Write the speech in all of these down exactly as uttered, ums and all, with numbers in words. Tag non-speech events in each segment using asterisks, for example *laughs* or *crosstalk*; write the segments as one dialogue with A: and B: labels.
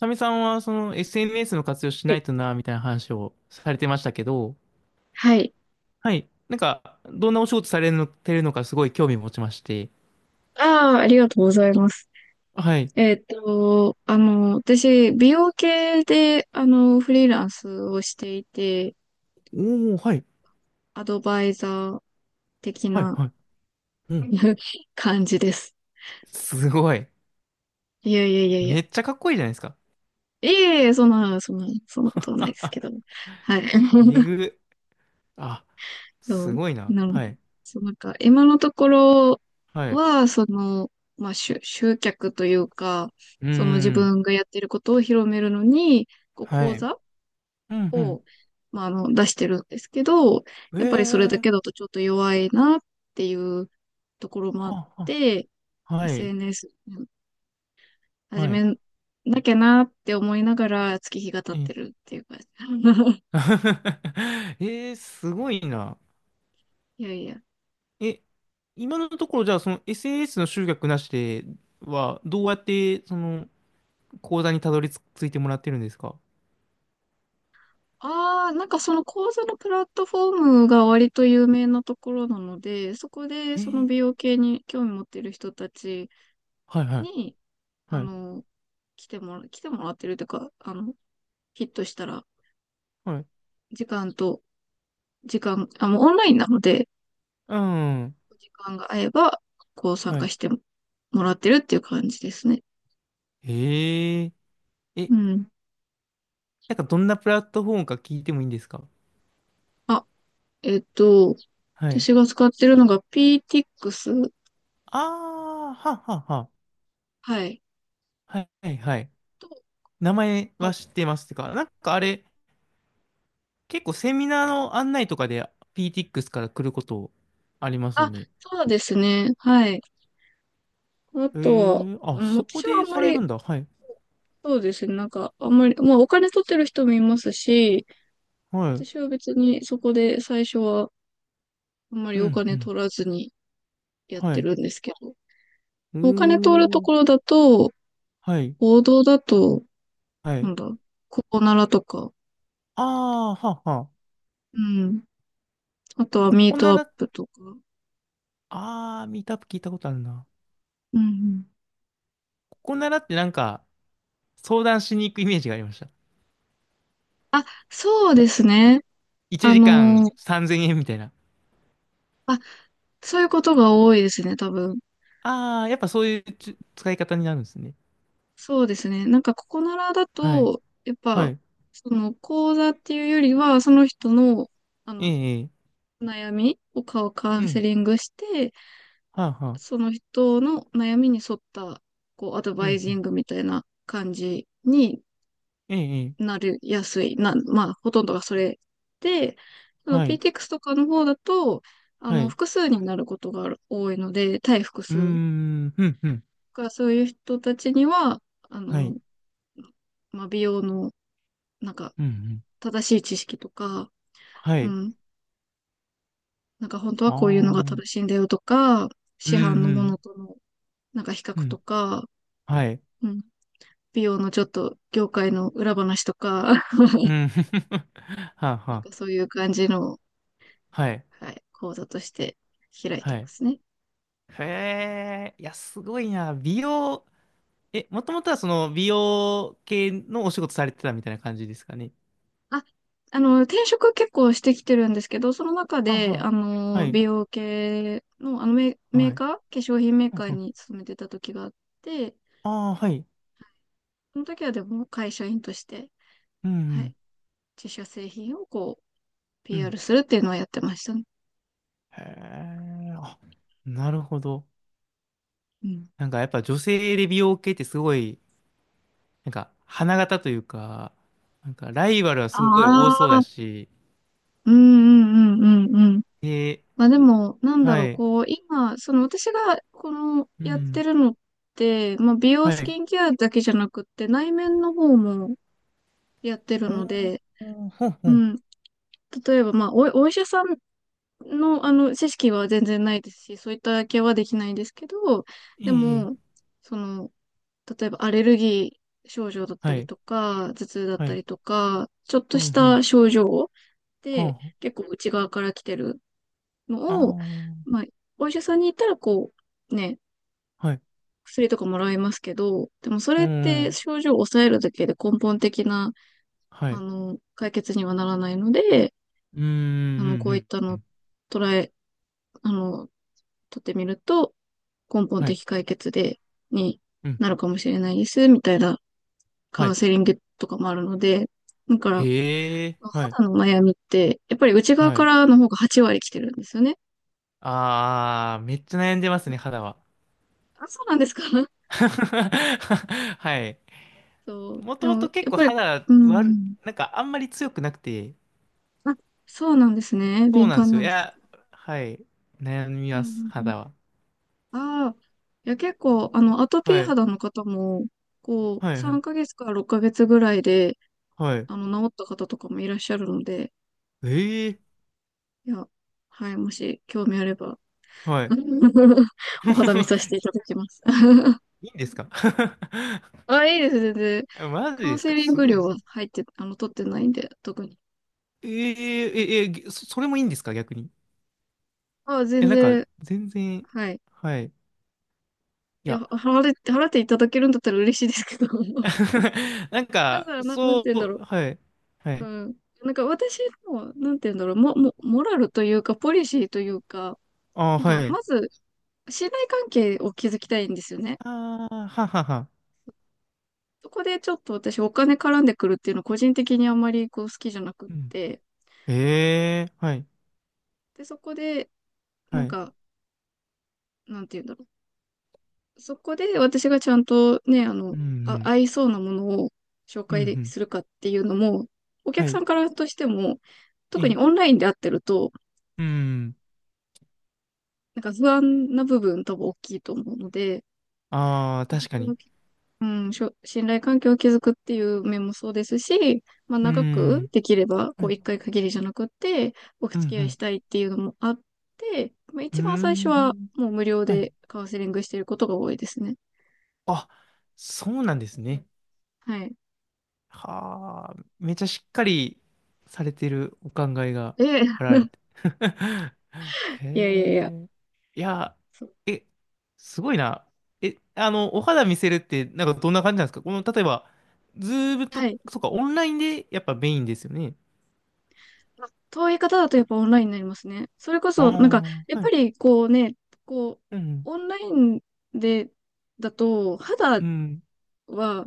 A: サミさんはその エスエヌエス の活用しな
B: い
A: いとな、みたいな話をされてましたけど、
B: はい。
A: はい。なんか、どんなお仕事されるのてるのかすごい興味持ちまして。
B: ああ、ありがとうございます。
A: はい。
B: えーっと、あの、私、美容系で、あの、フリーランスをしていて、
A: おー、はい。
B: アドバイザー的
A: はい、
B: な
A: はい。うん。
B: *laughs* 感じです。
A: すごい。
B: いやいやいやいや。
A: めっちゃかっこいいじゃないですか。
B: いえいえ、そんな、そんな、そんなことはないですけ
A: *laughs*
B: ど。はい。
A: え
B: *laughs*
A: ぐ。あ、
B: そ
A: す
B: う、
A: ごいな。
B: なの、
A: はい。
B: そう、なんか、今のところ
A: はい。
B: は、その、まあ、集、集客というか、
A: うー
B: その自
A: ん。
B: 分がやってることを広めるのに、こう、
A: は
B: 講
A: い。
B: 座
A: う
B: を、
A: ん、
B: まあ、あの、出してるんですけど、
A: うん。
B: やっぱりそれ
A: え
B: だけだ
A: ー。
B: とちょっと弱いなっていうところもあ
A: は
B: っ
A: あは
B: て、
A: あ、はい。
B: エスエヌエス 始
A: は
B: め
A: い。
B: なきゃなって思いながら月日が経っ
A: え。
B: てるっていう感じ。*laughs*
A: *laughs* えー、すごいな。
B: いやいや。
A: え、今のところじゃあその s n s の集客なしではどうやってその講座にたどり着いてもらってるんですか？
B: ああ、なんかその講座のプラットフォームが割と有名なところなので、そこで
A: え
B: その
A: ー、
B: 美容系に興味持ってる人たち
A: はいはい
B: に、あ
A: はい
B: の、来てもら、来てもらってるというか、あの、ヒットしたら、
A: はい。
B: 時間と時間、あ、もうオンラインなので、
A: うん。
B: お時間が合えば、こう参
A: は
B: 加
A: い。
B: してもらってるっていう感じですね。
A: へえ。え、
B: うん。
A: なんかどんなプラットフォームか聞いてもいいんですか？
B: あ、えっと、
A: はい。
B: 私が使ってるのが p t ス。
A: ああ、ははは。
B: はい。
A: はいはいはい。
B: と、
A: 名前
B: あ、
A: は知ってますってか。なんかあれ、結構セミナーの案内とかで ピーティーエックス から来ることあります
B: あ、
A: ね。
B: そうですね。はい。あ
A: え
B: とは、
A: ー、あ、
B: うん、
A: そこ
B: 私はあ
A: で
B: んま
A: される
B: り、
A: んだ。はい。
B: そうですね。なんか、あんまり、まあお金取ってる人もいますし、
A: はい。
B: 私は別にそこで最初はあんまり
A: う
B: お
A: ん、う
B: 金
A: ん。
B: 取らずにやっ
A: は
B: て
A: い。う
B: るんですけど、
A: ー
B: お金取ると
A: ん。
B: ころだと、
A: はい。
B: 報道だと、
A: は
B: な
A: い。
B: んだ、ココナラとか、
A: ああ、はあはあ。
B: うん。あとは
A: こ
B: ミー
A: こな
B: トアッ
A: ら、
B: プとか。
A: ああ、ミートアップ聞いたことあるな。
B: うんうん。
A: ここならってなんか、相談しに行くイメージがありました。
B: あ、そうですね。
A: 1
B: あ
A: 時
B: の
A: 間
B: ー
A: さんぜんえんみたいな。
B: あ、そういうことが多いですね、多分。
A: ああ、やっぱそういうつ使い方になるんですね。
B: そうですね。なんかココナラだ
A: はい。
B: と、やっ
A: は
B: ぱ、
A: い。
B: その講座っていうよりは、その人の、あ
A: え
B: の、
A: え、ええ、
B: お悩みをカカ
A: う
B: ウンセ
A: ん。
B: リングして、
A: はあはあ。
B: その人の悩みに沿った、こう、アド
A: うん、
B: バイ
A: う
B: ジン
A: ん。
B: グみたいな感じに
A: ええ、ええ、
B: なりやすい。な、まあ、ほとんどがそれで、その
A: はい。
B: ピーティーエックス とかの方だと、あ
A: は
B: の、
A: い。
B: 複数になることがある多いので、対複
A: うー
B: 数
A: ん、うん、うん。
B: がそういう人たちには、あ
A: は
B: の、
A: い。
B: まあ、美容の、なんか、
A: うん、うん。
B: 正しい知識とか、
A: は
B: う
A: い。
B: ん、なんか本当
A: あ
B: は
A: あ。
B: こういうの
A: う
B: が
A: ん、
B: 正しいんだよとか、
A: う
B: 市販のも
A: ん。
B: のとの、なんか比較
A: う
B: と
A: ん。
B: か、
A: はい。
B: うん、美容のちょっと業界の裏話とか、*laughs*
A: う
B: な
A: ん。*laughs* はあは
B: んか
A: あ。
B: そういう感じの、
A: はい。
B: はい、講座として開いて
A: は
B: ま
A: い。
B: すね。
A: へえ、いや、すごいな。美容、え、もともとはその美容系のお仕事されてたみたいな感じですかね？
B: あ、あの、転職結構してきてるんですけど、その中
A: はあは
B: で、あ
A: あ。は
B: の、
A: い。
B: 美容系の、あのメ、メ
A: は
B: ー
A: い。
B: カー、化粧品メーカーに勤めてた時があって、
A: ああー、はい。
B: その時はでも会社員として、
A: うん、う
B: はい、
A: ん。
B: 自社製品をこう、
A: うん。
B: ピーアール するっていうのはやってましたね。
A: へえ、あ、なるほど。
B: うん。
A: なんかやっぱ女性で美容系ってすごい、なんか花形というか、なんかライバルはすごい多
B: あ
A: そうだ
B: あ、
A: し、
B: うんうんうんうんうん。
A: え。
B: まあでも、なんだろ
A: は
B: う、
A: い。
B: こう、今、その私が、この、
A: う
B: やって
A: ん。
B: るのって、まあ美容
A: は
B: ス
A: い。
B: キンケアだけじゃなくって、内面の方もやってる
A: お
B: の
A: ー、
B: で、
A: ほんほ
B: う
A: ん、
B: ん、例えば、まあ、お、お医者さんの、あの、知識は全然ないですし、そういったケアはできないんですけど、
A: え
B: で
A: え、いい、
B: も、その、例えばアレルギー症状だった
A: は
B: り
A: い、
B: とか、頭痛だっ
A: は
B: た
A: い、
B: りとか、ちょっ
A: う
B: と
A: ん、う
B: し
A: ん、
B: た症状で、
A: は
B: 結構内側から来てる
A: あ、
B: のを、
A: あ
B: まあ、お医者さんに行ったら、こう、ね、
A: あ、はい、
B: 薬とかもらいますけど、でもそ
A: う
B: れっ
A: ん、う
B: て
A: ん、
B: 症状を抑えるだけで根本的な、
A: は
B: あ
A: い、
B: の、解決にはならないので、
A: うん、う
B: あの、こ
A: ん、う
B: ういっ
A: ん、
B: た
A: う
B: のを
A: ん、
B: 捉え、あの、取ってみると、根本
A: はい、
B: 的解決で、に
A: うん、
B: なるかもしれないです、みたいなカ
A: は
B: ウン
A: い、
B: セリングとかもあるので、だから、
A: へえ、はい、
B: 肌の悩みって、やっぱり内側
A: は
B: か
A: い。
B: らの方がはちわり割来てるんですよね。
A: ああ、めっちゃ悩んでますね、肌は。
B: あ、そうなんですか？ *laughs*
A: *laughs* はい。
B: そう。
A: もと
B: で
A: も
B: も、や
A: と結
B: っ
A: 構
B: ぱり、
A: 肌
B: う
A: 悪、
B: ん。
A: なんかあんまり強くなくて、
B: あ、そうなんですね。
A: そう
B: 敏
A: なんで
B: 感
A: すよ。
B: な
A: い
B: んです。
A: や、はい、悩み
B: う
A: ます、
B: ん、うん、うん。
A: 肌は。
B: ああ。いや、結構、あの、アトピー
A: はい、
B: 肌の方も、こ
A: は
B: う、
A: い、は
B: 3
A: い、
B: ヶ月からろっかげつぐらいで、
A: はい。
B: あの、治った方とかもいらっしゃるので、
A: ええ、
B: いや、はい、もし興味あれば、
A: はい。
B: *laughs* お肌見させ
A: *laughs*
B: ていただきます。*laughs*
A: いいんですか？ *laughs*
B: あ、いいです、全然。
A: あ、マジ
B: カウン
A: です
B: セ
A: か、
B: リン
A: す
B: グ
A: ごい
B: 料
A: な。
B: は入って、あの、取ってないんで、特に。
A: えー、え、え、ぎそ、それもいいんですか逆に。い
B: あ、全
A: や、なんか、
B: 然、
A: 全然、
B: はい。
A: はい。い
B: いや、
A: や、
B: 払って、払っていただけるんだったら嬉しいですけど、*laughs*
A: *laughs* なん
B: まず
A: か、
B: は、な、なんて
A: そ
B: 言うんだろ
A: う、はい。は
B: う。
A: い。
B: うん。なんか私の、なんて言うんだろう、も、も、モラルというか、ポリシーというか、
A: あー、
B: なんか、
A: はい。
B: まず、信頼関係を築きたいんですよね。
A: ああ、ははは。
B: そこでちょっと私、お金絡んでくるっていうの、個人的にあんまりこう好きじゃなくっ
A: うん。
B: て、
A: ええー、はい。
B: で、そこで、な
A: は
B: ん
A: い。
B: か、なんて言うんだろう。そこで私がちゃんとね、あ
A: う
B: の、
A: ん、う
B: あ、
A: ん。
B: 合いそうなものを紹
A: うん、う
B: 介
A: ん。
B: するかっていうのも、お
A: は
B: 客さ
A: い。
B: んからとしても、
A: う
B: 特に
A: ん。
B: オンラインで会ってると、
A: うん。
B: なんか不安な部分多分大きいと思うので、
A: ああ、確かに。
B: うん、しょ信頼関係を築くっていう面もそうですし、まあ
A: う
B: 長く
A: ん。
B: できれば、こ
A: は
B: う
A: い。
B: 一回限りじゃなくて、お
A: う
B: 付き合いし
A: ん、
B: たいっていうのもあって、まあ
A: うん。
B: 一番最初
A: うー
B: は
A: ん。
B: もう無料
A: はい。
B: でカウンセリングしていることが多いですね。
A: あ、そうなんですね。
B: はい。
A: はあ、めちゃしっかりされてるお考えが
B: ええ、
A: あられ
B: *laughs*
A: て。*laughs* へ
B: いやいやいや。
A: え。いや、
B: そう、
A: え、すごいな。え、あの、お肌見せるって、なんかどんな感じなんですか？この、例えば、ズーム
B: は
A: と、
B: い。
A: そうか、オンラインでやっぱメインですよね。
B: まあ遠い方だとやっぱオンラインになりますね。それこ
A: あ
B: そ、なんか、やっ
A: あ、は
B: ぱ
A: い。
B: りこうね、こう、
A: うん、
B: オンラインで、だと、肌
A: うん、
B: は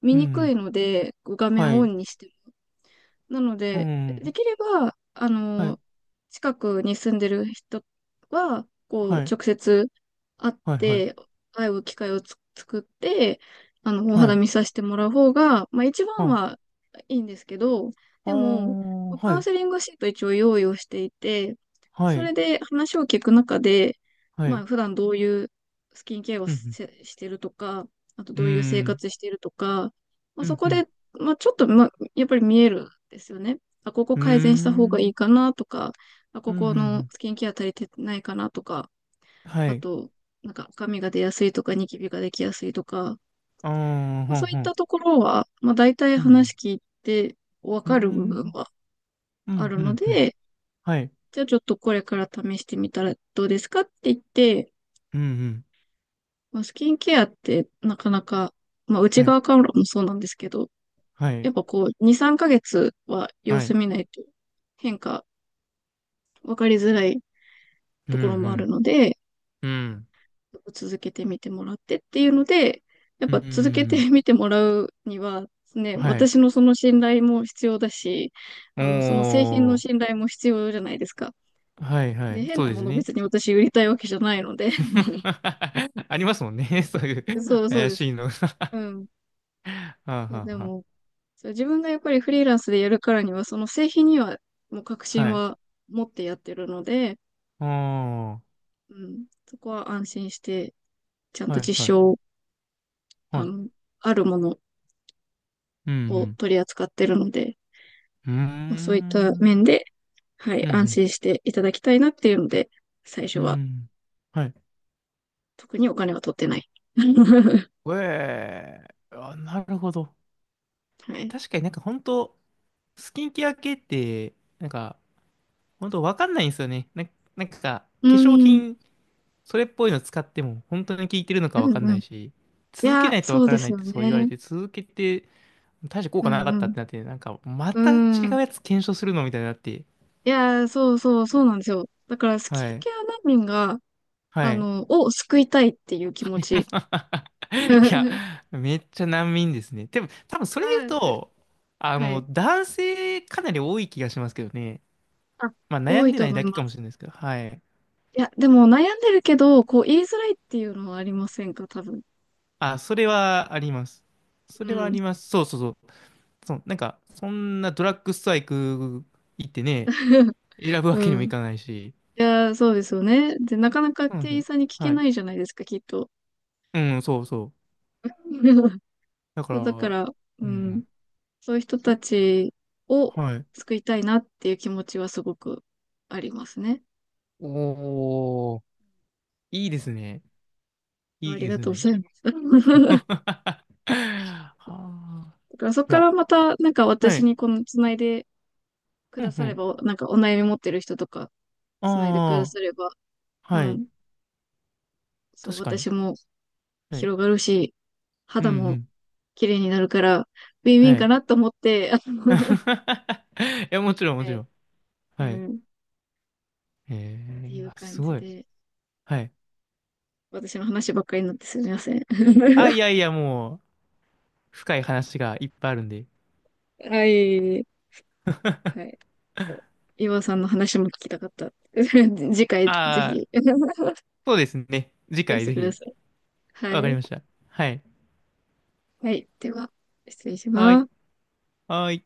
B: 見
A: う
B: にくい
A: ん、
B: ので、こう画
A: は
B: 面をオ
A: い、
B: ンにしてなの
A: う
B: で、で
A: ん、
B: きれば、あ
A: は
B: の、
A: い、
B: 近くに住んでる人は、こう、
A: はい、
B: 直接会っ
A: はい、はい、
B: て、会う機会をつ作って、あの、お
A: は
B: 肌
A: い、
B: 見させてもらう方が、まあ一番
A: あ、
B: はいいんですけど、
A: ああ、
B: でも、カ
A: は
B: ウン
A: い、
B: セリングシート一応用意をしていて、
A: は
B: それ
A: い、
B: で話を聞く中で、
A: は
B: まあ
A: い、
B: 普段どういうスキンケアを
A: う
B: せ
A: ん、
B: してるとか、あと
A: う
B: ど
A: ん、う
B: ういう生
A: ん、
B: 活してるとか、まあ、
A: う
B: そ
A: ん、
B: こ
A: う
B: で、
A: ん、
B: まあ、ちょっと、まあ、やっぱり見えるんですよね。あ、ここ
A: うーん。
B: 改善した方
A: う
B: がい
A: ん
B: いかなとか、あ、
A: う
B: こ
A: んう
B: この
A: ん。
B: スキンケア足りてないかなとか、
A: は
B: あ
A: い。
B: と、なんか赤みが出やすいとか、ニキビができやすいとか、
A: ああ、
B: まあ
A: ほ
B: そ
A: ん
B: ういっ
A: ほん。
B: たところは、まあ大体
A: う
B: 話
A: ん。
B: 聞いてわ
A: うー
B: かる部分
A: ん。
B: は
A: う
B: あ
A: ん、
B: る
A: う
B: の
A: ん、うん。
B: で、
A: はい。
B: じゃあちょっとこれから試してみたらどうですかって言って、
A: うん、うん。
B: まあ、スキンケアってなかなか、まあ内
A: はい。
B: 側からもそうなんですけど、
A: は
B: や
A: い。
B: っぱこうにー、さんかげつは様
A: は
B: 子
A: い。
B: 見ないと変化分かりづらい
A: う
B: ところもある
A: ん、
B: ので、
A: うん。うん。
B: 続けてみてもらってっていうので、やっ
A: う
B: ぱ続け
A: ん。
B: てみてもらうには、ね、
A: はい。
B: 私のその信頼も必要だし、
A: お
B: あの、その製品の
A: ー。
B: 信頼も必要じゃないですか。
A: はい、は
B: で、
A: い。
B: 変
A: そ
B: な
A: うで
B: も
A: す
B: の
A: ね。
B: 別に私売りたいわけじゃないので。*laughs*
A: *laughs* ありますもんね。*laughs* そういう
B: そうそう
A: 怪
B: です。
A: しいのが。
B: う
A: *laughs*
B: ん。
A: はあ、
B: いや、
A: は
B: で
A: あ、は
B: も、そう自分がやっぱりフリーランスでやるからには、その製品にはもう確
A: あ。
B: 信
A: はい。
B: は持ってやってるので、
A: ああ。
B: うん、そこは安心して、ちゃんと
A: はい、
B: 実
A: はい。
B: 証、
A: は
B: あ
A: い。
B: の、あるもの
A: うん、う
B: を
A: ん。
B: 取り扱ってるので、
A: う
B: まあ、
A: ー
B: そういった
A: ん。
B: 面で、はい、
A: う
B: 安
A: ん、
B: 心していただきたいなっていうので、最初
A: うん。
B: は
A: うん。はい、
B: 特にお金は取ってない。*laughs*
A: ええ、あ、なるほど。
B: はい。
A: 確かになんか本当スキンケア系って、なんか、本当わかんないんですよね。な、なんか、化
B: う
A: 粧
B: ん、
A: 品、それっぽいの使っても、本当に効いてるの
B: う
A: かわ
B: ん
A: かんな
B: うん。い
A: いし、続け
B: や、
A: ないとわ
B: そう
A: か
B: で
A: らな
B: す
A: いっ
B: よ
A: てそう言われ
B: ね。
A: て、続けて、大して効
B: う
A: 果なかったっ
B: ん
A: てなって、なんか、ま
B: う
A: た違
B: ん。うん。
A: うやつ検証するのみたいになって、
B: いや、そうそう、そうなんですよ。だから、スキ
A: は
B: ン
A: い、
B: ケア難民が、
A: は
B: あ
A: い。
B: の、を救いたいっていう気持ち。
A: *laughs* いや、
B: *laughs*
A: めっちゃ難民ですね。でも、多分それで
B: あ、
A: 言うと、あ
B: は
A: の、
B: い。
A: 男性かなり多い気がしますけどね。
B: あ、
A: まあ悩
B: 多
A: ん
B: い
A: で
B: と
A: ない
B: 思い
A: だけか
B: ま
A: もし
B: す。
A: れないですけど、はい。
B: いや、でも悩んでるけど、こう言いづらいっていうのはありませんか、多分。
A: あ、それはあります。そ
B: う
A: れはあ
B: ん。
A: ります。そうそうそう。そう、なんか、そんなドラッグストア行く、行ってね、
B: *laughs*
A: 選ぶわけに
B: う
A: も
B: ん。
A: い
B: い
A: かないし。
B: やー、そうですよね。で、なかなか
A: そうなんです
B: 店員
A: よ。
B: さんに聞け
A: はい。
B: ないじゃないですか、きっと。
A: うん、そうそう。
B: *laughs*
A: だか
B: そ
A: ら、
B: う、だから、う
A: う
B: ん。
A: ん。
B: そういう人
A: ま、
B: たちを
A: はい。
B: 救いたいなっていう気持ちはすごくありますね。
A: おー、いいですね。い
B: あ
A: い
B: り
A: で
B: が
A: す
B: とうご
A: ね。
B: ざいます。*laughs*
A: *laughs* はあ。
B: だからそこ
A: い
B: か
A: や、
B: らまた、なんか
A: は
B: 私
A: い。
B: にこのつないでく
A: う
B: だ
A: んう
B: され
A: ん。
B: ば、なんかお悩み持ってる人とか、つないでくだ
A: ああ、
B: されば、う
A: はい。
B: ん。そう、
A: 確かに。
B: 私も
A: はい。
B: 広がるし、
A: うん
B: 肌
A: う
B: も
A: ん。
B: 綺麗になるから、ウィンウィン
A: は
B: か
A: い。
B: なと思って、
A: *laughs* いや、もちろん、
B: *laughs*
A: も
B: は
A: ち
B: い。
A: ろん。
B: う
A: はい。
B: ん。
A: え
B: てい
A: ー、
B: う
A: あ、
B: 感
A: す
B: じ
A: ごい。
B: で、
A: はい。
B: 私の話ばっかりになってすみません。*laughs*
A: あ、いやいや、もう、深い話がいっぱいあるんで。
B: はい。はい。岩尾さんの話も聞きたかった。*laughs* 次回ぜ
A: ああ、
B: ひ *laughs* 聞か
A: そうですね。次
B: せ
A: 回
B: て
A: ぜ
B: くだ
A: ひ。
B: さい。は
A: わかり
B: い。
A: ました。はい。
B: はい。では、失礼し
A: は
B: ま
A: い。
B: す。
A: はい。